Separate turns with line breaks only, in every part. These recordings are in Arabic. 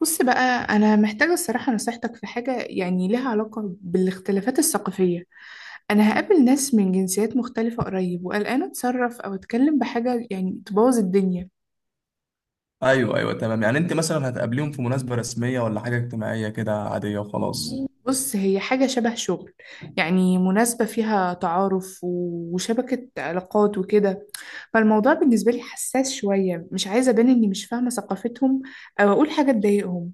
بص بقى، أنا محتاجة الصراحة نصيحتك في حاجة يعني لها علاقة بالاختلافات الثقافية. أنا هقابل ناس من جنسيات مختلفة قريب، وقلقانة أتصرف أو أتكلم بحاجة يعني تبوظ الدنيا.
ايوه، ايوه، تمام. يعني انت مثلا هتقابليهم في مناسبة رسمية ولا حاجة اجتماعية كده عادية وخلاص؟
بص، هي حاجة شبه شغل. يعني مناسبة فيها تعارف وشبكة علاقات وكده. فالموضوع بالنسبة لي حساس شوية، مش عايزة أبان إني مش فاهمة ثقافتهم، أو أقول حاجة تضايقهم.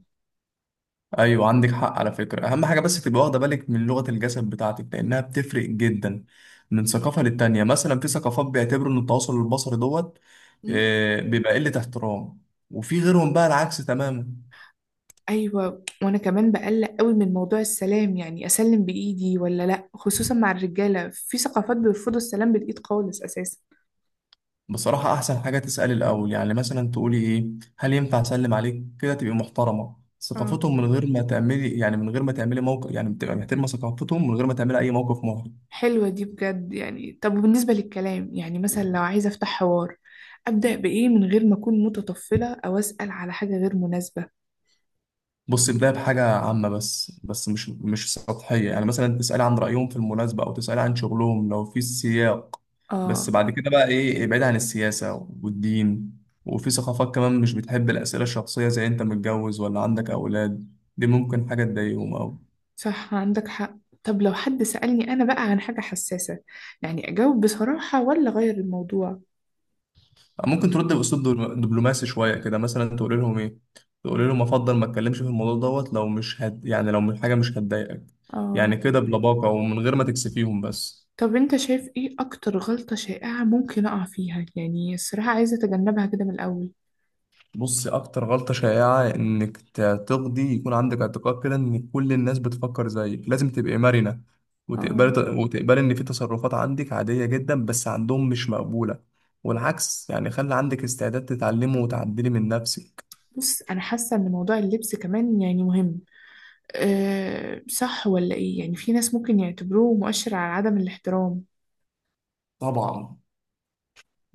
ايوه، عندك حق. على فكرة، اهم حاجة بس تبقى واخدة بالك من لغة الجسد بتاعتك لانها بتفرق جدا من ثقافة للتانية. مثلا في ثقافات بيعتبروا ان التواصل البصري دوت بيبقى قلة احترام، وفي غيرهم بقى العكس تماما.
ايوه، وانا كمان بقلق قوي من موضوع السلام، يعني اسلم بايدي ولا لا، خصوصا مع الرجاله، في ثقافات بيرفضوا السلام بالايد خالص اساسا.
بصراحة احسن حاجة تسألي الاول، يعني مثلا تقولي ايه؟ هل ينفع اسلم عليك كده تبقي محترمة
اه،
ثقافتهم؟ من غير ما تعملي موقف، يعني بتبقى محترمة ثقافتهم من غير ما تعملي اي موقف محرج.
حلوه دي بجد. يعني طب، وبالنسبه للكلام، يعني مثلا لو عايزه افتح حوار، ابدا بايه من غير ما اكون متطفله او اسال على حاجه غير مناسبه؟
بص، بداية بحاجة عامة بس مش سطحية، يعني مثلا تسألي عن رأيهم في المناسبة أو تسألي عن شغلهم لو في سياق.
اه،
بس بعد كده بقى إيه، ابعد عن السياسة والدين. وفي ثقافات كمان مش بتحب الأسئلة الشخصية زي أنت متجوز ولا عندك أولاد، دي ممكن حاجة تضايقهم أو...
صح، عندك حق. طب لو حد سالني انا بقى عن حاجه حساسه، يعني اجاوب بصراحه ولا اغير الموضوع؟
ممكن ترد بأسلوب دبلوماسي شوية كده، مثلا تقول لهم إيه؟ تقول لهم أفضل ما أتكلمش في الموضوع دوت، لو حاجة مش هتضايقك.
آه.
يعني كده بلباقة ومن غير ما تكسفيهم بس.
طب انت شايف ايه اكتر غلطة شائعة ممكن اقع فيها؟ يعني الصراحة عايزة اتجنبها كده من الاول.
بص، اكتر غلطة شائعة انك تقضي يكون عندك اعتقاد كده ان كل الناس بتفكر زيك. لازم تبقي مرنة وتقبلي
اه.
وتقبلي ان في تصرفات عندك عادية جدا بس عندهم مش مقبولة، والعكس. يعني خلي عندك استعداد تتعلمي وتعدلي من نفسك.
بص، انا حاسة ان موضوع اللبس كمان يعني مهم. أه صح، ولا ايه؟ يعني في ناس ممكن يعتبروه مؤشر على عدم الاحترام.
طبعا،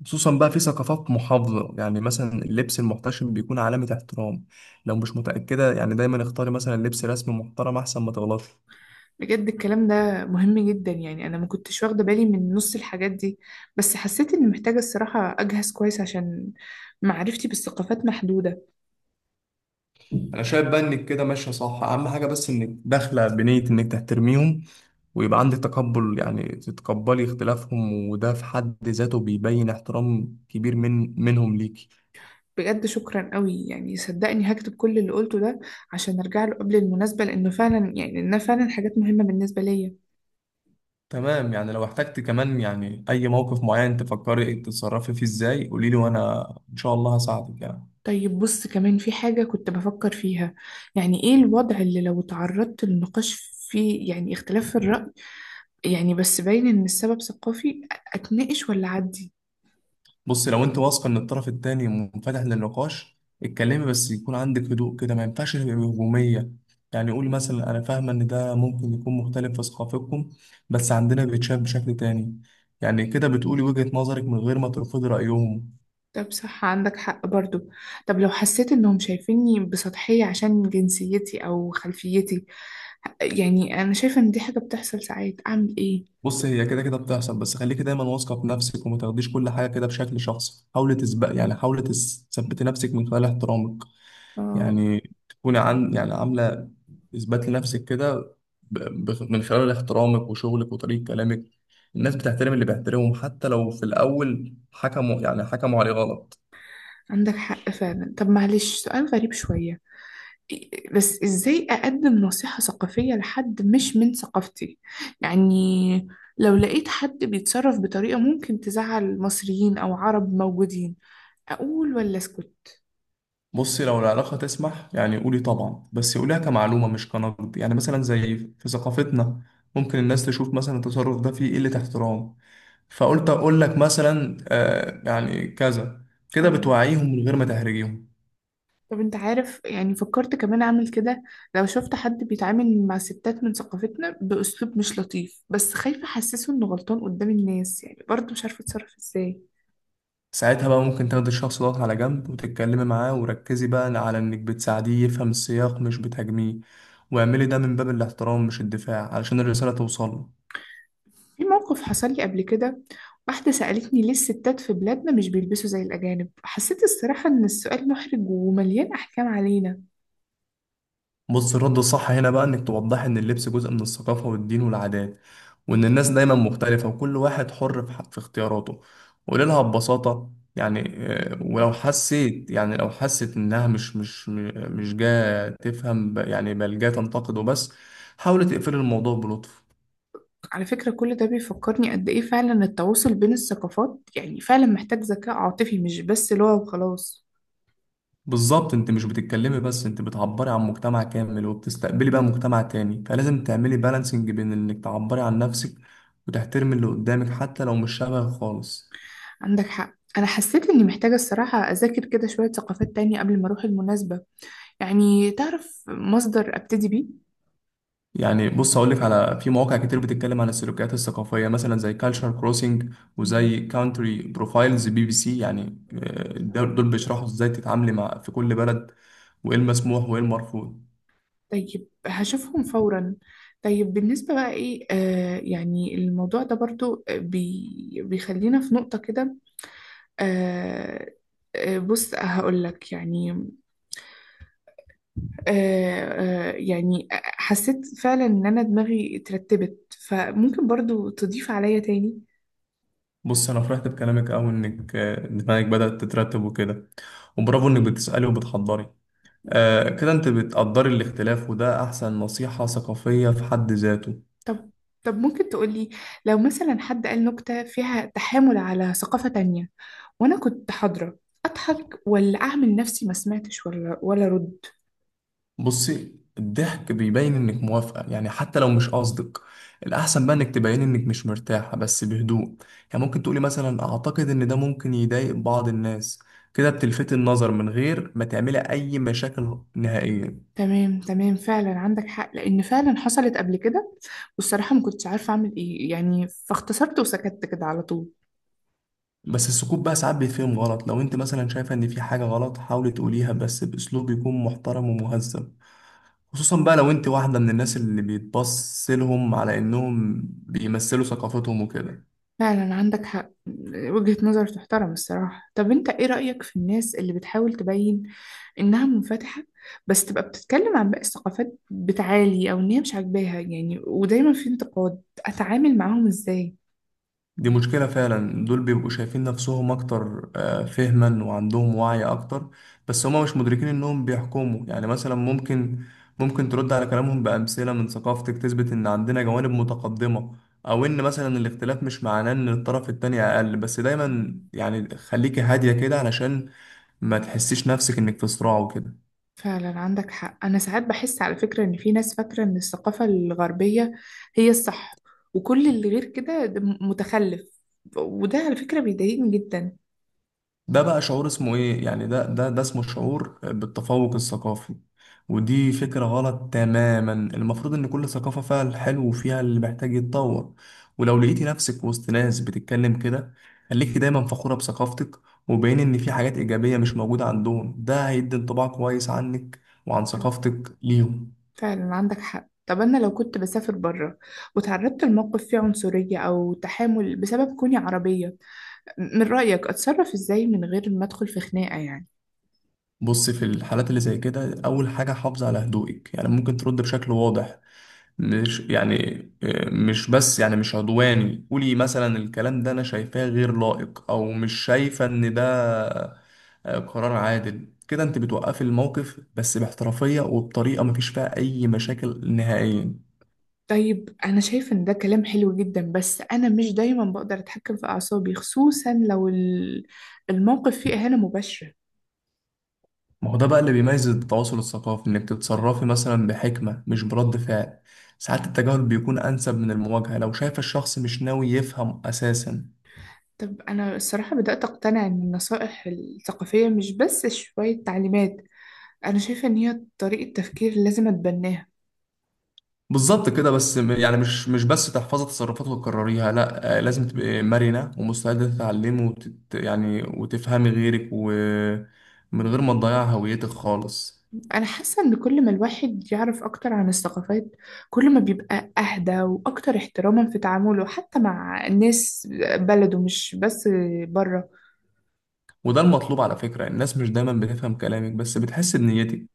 خصوصا بقى في ثقافات محافظة. يعني مثلا اللبس المحتشم بيكون علامة احترام. لو مش متأكدة، يعني دايما اختاري مثلا لبس رسمي محترم احسن ما تغلطي.
بجد الكلام ده مهم جدا، يعني انا ما كنتش واخدة بالي من نص الحاجات دي. بس حسيت اني محتاجة الصراحة اجهز كويس، عشان معرفتي بالثقافات محدودة.
انا شايف بقى انك كده ماشية صح. اهم حاجة بس انك داخلة بنية انك تحترميهم، ويبقى عندك تقبل، يعني تتقبلي اختلافهم. وده في حد ذاته بيبين احترام كبير منهم ليكي.
بجد شكرا قوي، يعني صدقني هكتب كل اللي قلته ده، عشان ارجع له قبل المناسبة، لانها فعلا حاجات مهمة بالنسبة ليا.
تمام، يعني لو احتجت كمان، يعني أي موقف معين تفكري تتصرفي فيه ازاي، قوليلي وأنا إن شاء الله هساعدك يعني.
طيب بص، كمان في حاجة كنت بفكر فيها. يعني ايه الوضع اللي لو تعرضت للنقاش فيه يعني اختلاف في الرأي، يعني بس باين ان السبب ثقافي، اتناقش ولا عدي؟
بص، لو أنت واثقة إن الطرف التاني منفتح للنقاش، اتكلمي. بس يكون عندك هدوء كده، ما ينفعش تبقي هجومية. يعني قولي مثلا: أنا فاهمة إن ده ممكن يكون مختلف في ثقافتكم، بس عندنا بيتشاف بشكل تاني. يعني كده بتقولي وجهة نظرك من غير ما ترفضي رأيهم.
طب صح، عندك حق برضو. طب لو حسيت انهم شايفيني بسطحية عشان جنسيتي او خلفيتي، يعني انا شايفة ان دي حاجة بتحصل ساعات، اعمل ايه؟
بص، هي كده كده بتحصل، بس خليكي دايما واثقه في نفسك وما تاخديش كل حاجه كده بشكل شخصي. حاولي تسبق يعني حاولي تثبتي نفسك من خلال احترامك.
آه.
يعني تكوني عن يعني عامله اثبات لنفسك كده ب- من خلال احترامك وشغلك وطريقه كلامك. الناس بتحترم اللي بيحترمهم حتى لو في الاول حكموا عليه غلط.
عندك حق فعلا. طب معلش، سؤال غريب شوية. بس ازاي اقدم نصيحة ثقافية لحد مش من ثقافتي؟ يعني لو لقيت حد بيتصرف بطريقة ممكن تزعل مصريين او عرب موجودين، اقول ولا اسكت؟
بصي، لو العلاقه تسمح يعني قولي طبعا، بس قوليها كمعلومه مش كنقد. يعني مثلا زي في ثقافتنا، ممكن الناس تشوف مثلا التصرف ده فيه قله احترام، فقلت اقول لك مثلا، آه يعني كذا. كده
اه.
بتوعيهم من غير ما تهرجيهم.
طب انت عارف، يعني فكرت كمان اعمل كده، لو شفت حد بيتعامل مع ستات من ثقافتنا باسلوب مش لطيف، بس خايفة احسسه انه غلطان قدام الناس، يعني برضه مش عارفة اتصرف ازاي.
ساعتها بقى ممكن تاخد الشخص دوت على جنب وتتكلمي معاه، وركزي بقى على انك بتساعديه يفهم السياق مش بتهاجميه. واعملي ده من باب الاحترام مش الدفاع، علشان الرسالة توصل له.
في موقف حصل لي قبل كده، واحدة سألتني ليه الستات في بلادنا مش بيلبسوا زي الأجانب، حسيت الصراحة إن السؤال محرج ومليان أحكام علينا.
بص، الرد الصح هنا بقى انك توضحي ان اللبس جزء من الثقافة والدين والعادات، وان الناس دايما مختلفة وكل واحد حر في اختياراته. قولي لها ببساطة، يعني
مم.
ولو حسيت يعني لو حست انها مش جاية تفهم، بل جاية تنتقد وبس، حاولي تقفلي الموضوع بلطف.
على فكرة كل ده بيفكرني قد إيه فعلا التواصل بين الثقافات، يعني فعلا محتاج ذكاء عاطفي مش بس لغة وخلاص.
بالظبط، انت مش بتتكلمي بس، انت بتعبري عن مجتمع كامل وبتستقبلي بقى مجتمع تاني، فلازم تعملي بالانسنج بين انك تعبري عن نفسك وتحترمي اللي قدامك حتى لو مش شبهك خالص.
عندك حق، أنا حسيت إني محتاجة الصراحة أذاكر كده شوية ثقافات تانية قبل ما أروح المناسبة. يعني تعرف مصدر أبتدي بيه؟
يعني بص هقول لك، في مواقع كتير بتتكلم عن السلوكيات الثقافيه، مثلا زي كالتشر كروسنج
مم.
وزي كاونتري بروفايلز بي بي سي. يعني دول بيشرحوا ازاي تتعاملي في كل بلد، وايه المسموح وايه المرفوض.
طيب هشوفهم فورا. طيب بالنسبة بقى ايه، يعني الموضوع ده برضو بيخلينا في نقطة كده. آه بص هقول لك يعني يعني حسيت فعلا ان انا دماغي اترتبت، فممكن برضو تضيف عليا تاني.
بص، انا فرحت بكلامك قوي انك دماغك بدات تترتب وكده، وبرافو انك بتسالي وبتحضري. كده انت بتقدري الاختلاف، وده احسن نصيحه ثقافيه في حد ذاته.
طب طب، ممكن تقولي، لو مثلا حد قال نكتة فيها تحامل على ثقافة تانية وانا كنت حاضرة، اضحك ولا اعمل نفسي ما سمعتش ولا رد؟
بصي، الضحك بيبين انك موافقة يعني حتى لو مش قصدك. الأحسن بقى انك تبين انك مش مرتاحة بس بهدوء. يعني ممكن تقولي مثلا: أعتقد ان ده ممكن يضايق بعض الناس. كده بتلفتي النظر من غير ما تعملي أي مشاكل نهائيا.
تمام تمام، فعلا عندك حق، لان فعلا حصلت قبل كده. والصراحه ما كنتش عارفه اعمل ايه، يعني فاختصرت وسكت كده على طول.
بس السكوت بقى ساعات بيتفهم غلط. لو انت مثلا شايفة ان في حاجة غلط، حاولي تقوليها بس بأسلوب يكون محترم ومهذب. خصوصا بقى لو انت واحدة من الناس اللي بيتبص لهم على انهم بيمثلوا ثقافتهم وكده.
فعلا عندك حق، وجهة نظر تحترم الصراحه. طب انت ايه رايك في الناس اللي بتحاول تبين انها منفتحه، بس تبقى بتتكلم عن باقي الثقافات بتعالي، او ان هي مش عاجباها يعني، ودايما في انتقاد، اتعامل معاهم ازاي؟
دي مشكلة فعلا. دول بيبقوا شايفين نفسهم أكتر فهما وعندهم وعي أكتر، بس هما مش مدركين إنهم بيحكموا. يعني مثلا ممكن ترد على كلامهم بأمثلة من ثقافتك تثبت إن عندنا جوانب متقدمة، أو إن مثلا الاختلاف مش معناه إن الطرف التاني أقل. بس دايما يعني خليكي هادية كده علشان ما تحسيش نفسك إنك في صراع وكده.
فعلا عندك حق، أنا ساعات بحس على فكرة إن في ناس فاكرة إن الثقافة الغربية هي الصح، وكل اللي غير كده ده متخلف، وده على فكرة بيضايقني جدا.
ده بقى شعور اسمه ايه؟ يعني ده اسمه شعور بالتفوق الثقافي. ودي فكرة غلط تماما. المفروض ان كل ثقافة فيها الحلو وفيها اللي محتاج يتطور. ولو لقيتي نفسك وسط ناس بتتكلم كده، خليكي دايما فخورة بثقافتك، وبين ان في حاجات ايجابية مش موجودة عندهم. ده هيدي انطباع كويس عنك وعن ثقافتك ليهم.
فعلا عندك حق. طب أنا لو كنت بسافر بره، وتعرضت لموقف فيه عنصرية أو تحامل بسبب كوني عربية، من رأيك أتصرف إزاي من غير ما أدخل في خناقة يعني؟
بص، في الحالات اللي زي كده اول حاجة حافظي على هدوئك. يعني ممكن ترد بشكل واضح، مش يعني مش بس يعني مش عدواني. قولي مثلا: الكلام ده انا شايفاه غير لائق، او مش شايفة ان ده قرار عادل. كده انت بتوقفي الموقف بس باحترافية وبطريقة مفيش فيها اي مشاكل نهائيا.
طيب أنا شايفة إن ده كلام حلو جدا، بس أنا مش دايما بقدر أتحكم في أعصابي، خصوصا لو الموقف فيه إهانة مباشرة.
ما هو ده بقى اللي بيميز التواصل الثقافي، انك تتصرفي مثلا بحكمة مش برد فعل. ساعات التجاهل بيكون انسب من المواجهة لو شايف الشخص مش ناوي يفهم اساسا.
طب أنا الصراحة بدأت أقتنع إن النصائح الثقافية مش بس شوية تعليمات، أنا شايفة إن هي طريقة تفكير لازم أتبناها.
بالظبط كده. بس مش بس تحفظي تصرفات وتكرريها، لا. لازم تبقي مرنة ومستعدة تتعلمي وتت يعني وتفهمي غيرك، ومن غير ما تضيعي هويتك خالص.
أنا حاسة إن كل ما الواحد يعرف أكتر عن الثقافات، كل ما بيبقى أهدى وأكتر احتراما في تعامله، حتى مع الناس بلده مش بس بره.
وده المطلوب. على فكرة الناس مش دايما بتفهم كلامك بس بتحس بنيتك.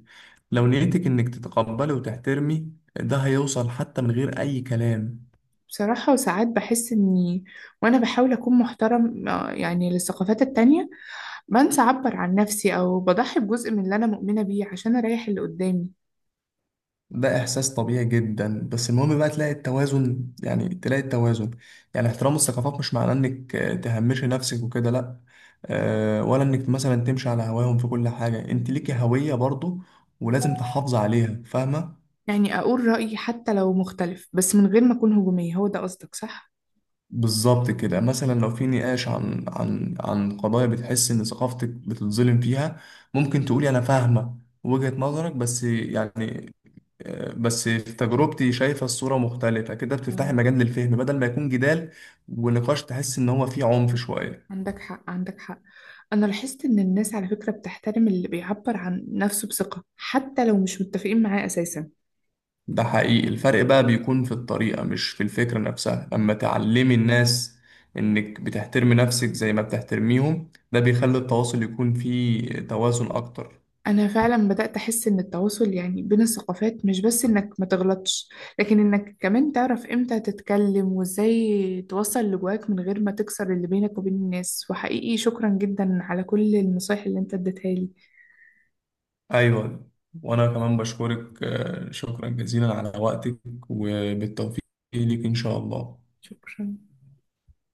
لو نيتك انك تتقبلي وتحترمي، ده هيوصل حتى من غير اي كلام.
بصراحة وساعات بحس إني وأنا بحاول أكون محترم يعني للثقافات التانية، بنسى أعبر عن نفسي أو بضحي بجزء من اللي أنا مؤمنة بيه عشان أريح اللي قدامي.
ده إحساس طبيعي جدا، بس المهم بقى تلاقي التوازن، يعني تلاقي التوازن. يعني احترام الثقافات مش معناه إنك تهمشي نفسك وكده، لأ. ولا إنك مثلا تمشي على هواهم في كل حاجة. أنت ليكي هوية برضه، ولازم تحافظي عليها، فاهمة؟
يعني أقول رأيي حتى لو مختلف، بس من غير ما أكون هجومية، هو ده قصدك صح؟
بالظبط كده. مثلا لو في نقاش عن قضايا بتحس إن ثقافتك بتتظلم فيها، ممكن تقولي: أنا فاهمة وجهة نظرك، بس يعني بس في تجربتي شايفة الصورة مختلفة. كده بتفتحي
مم.
مجال للفهم بدل ما يكون جدال ونقاش تحس إن هو فيه عنف شوية.
عندك حق، عندك حق. أنا لاحظت إن الناس على فكرة بتحترم اللي بيعبر عن نفسه بثقة، حتى لو مش متفقين معاه أساسا.
ده حقيقي. الفرق بقى بيكون في الطريقة مش في الفكرة نفسها. أما تعلمي الناس إنك بتحترمي نفسك زي ما بتحترميهم، ده بيخلي التواصل يكون فيه توازن أكتر.
أنا فعلا بدأت أحس إن التواصل يعني بين الثقافات مش بس إنك ما تغلطش، لكن إنك كمان تعرف إمتى تتكلم وإزاي توصل اللي جواك من غير ما تكسر اللي بينك وبين الناس. وحقيقي شكرا جدا على كل النصايح اللي أنت اديتها لي.
أيوة، وأنا كمان بشكرك. شكرا جزيلا على وقتك، وبالتوفيق ليك إن شاء الله.
شكرا.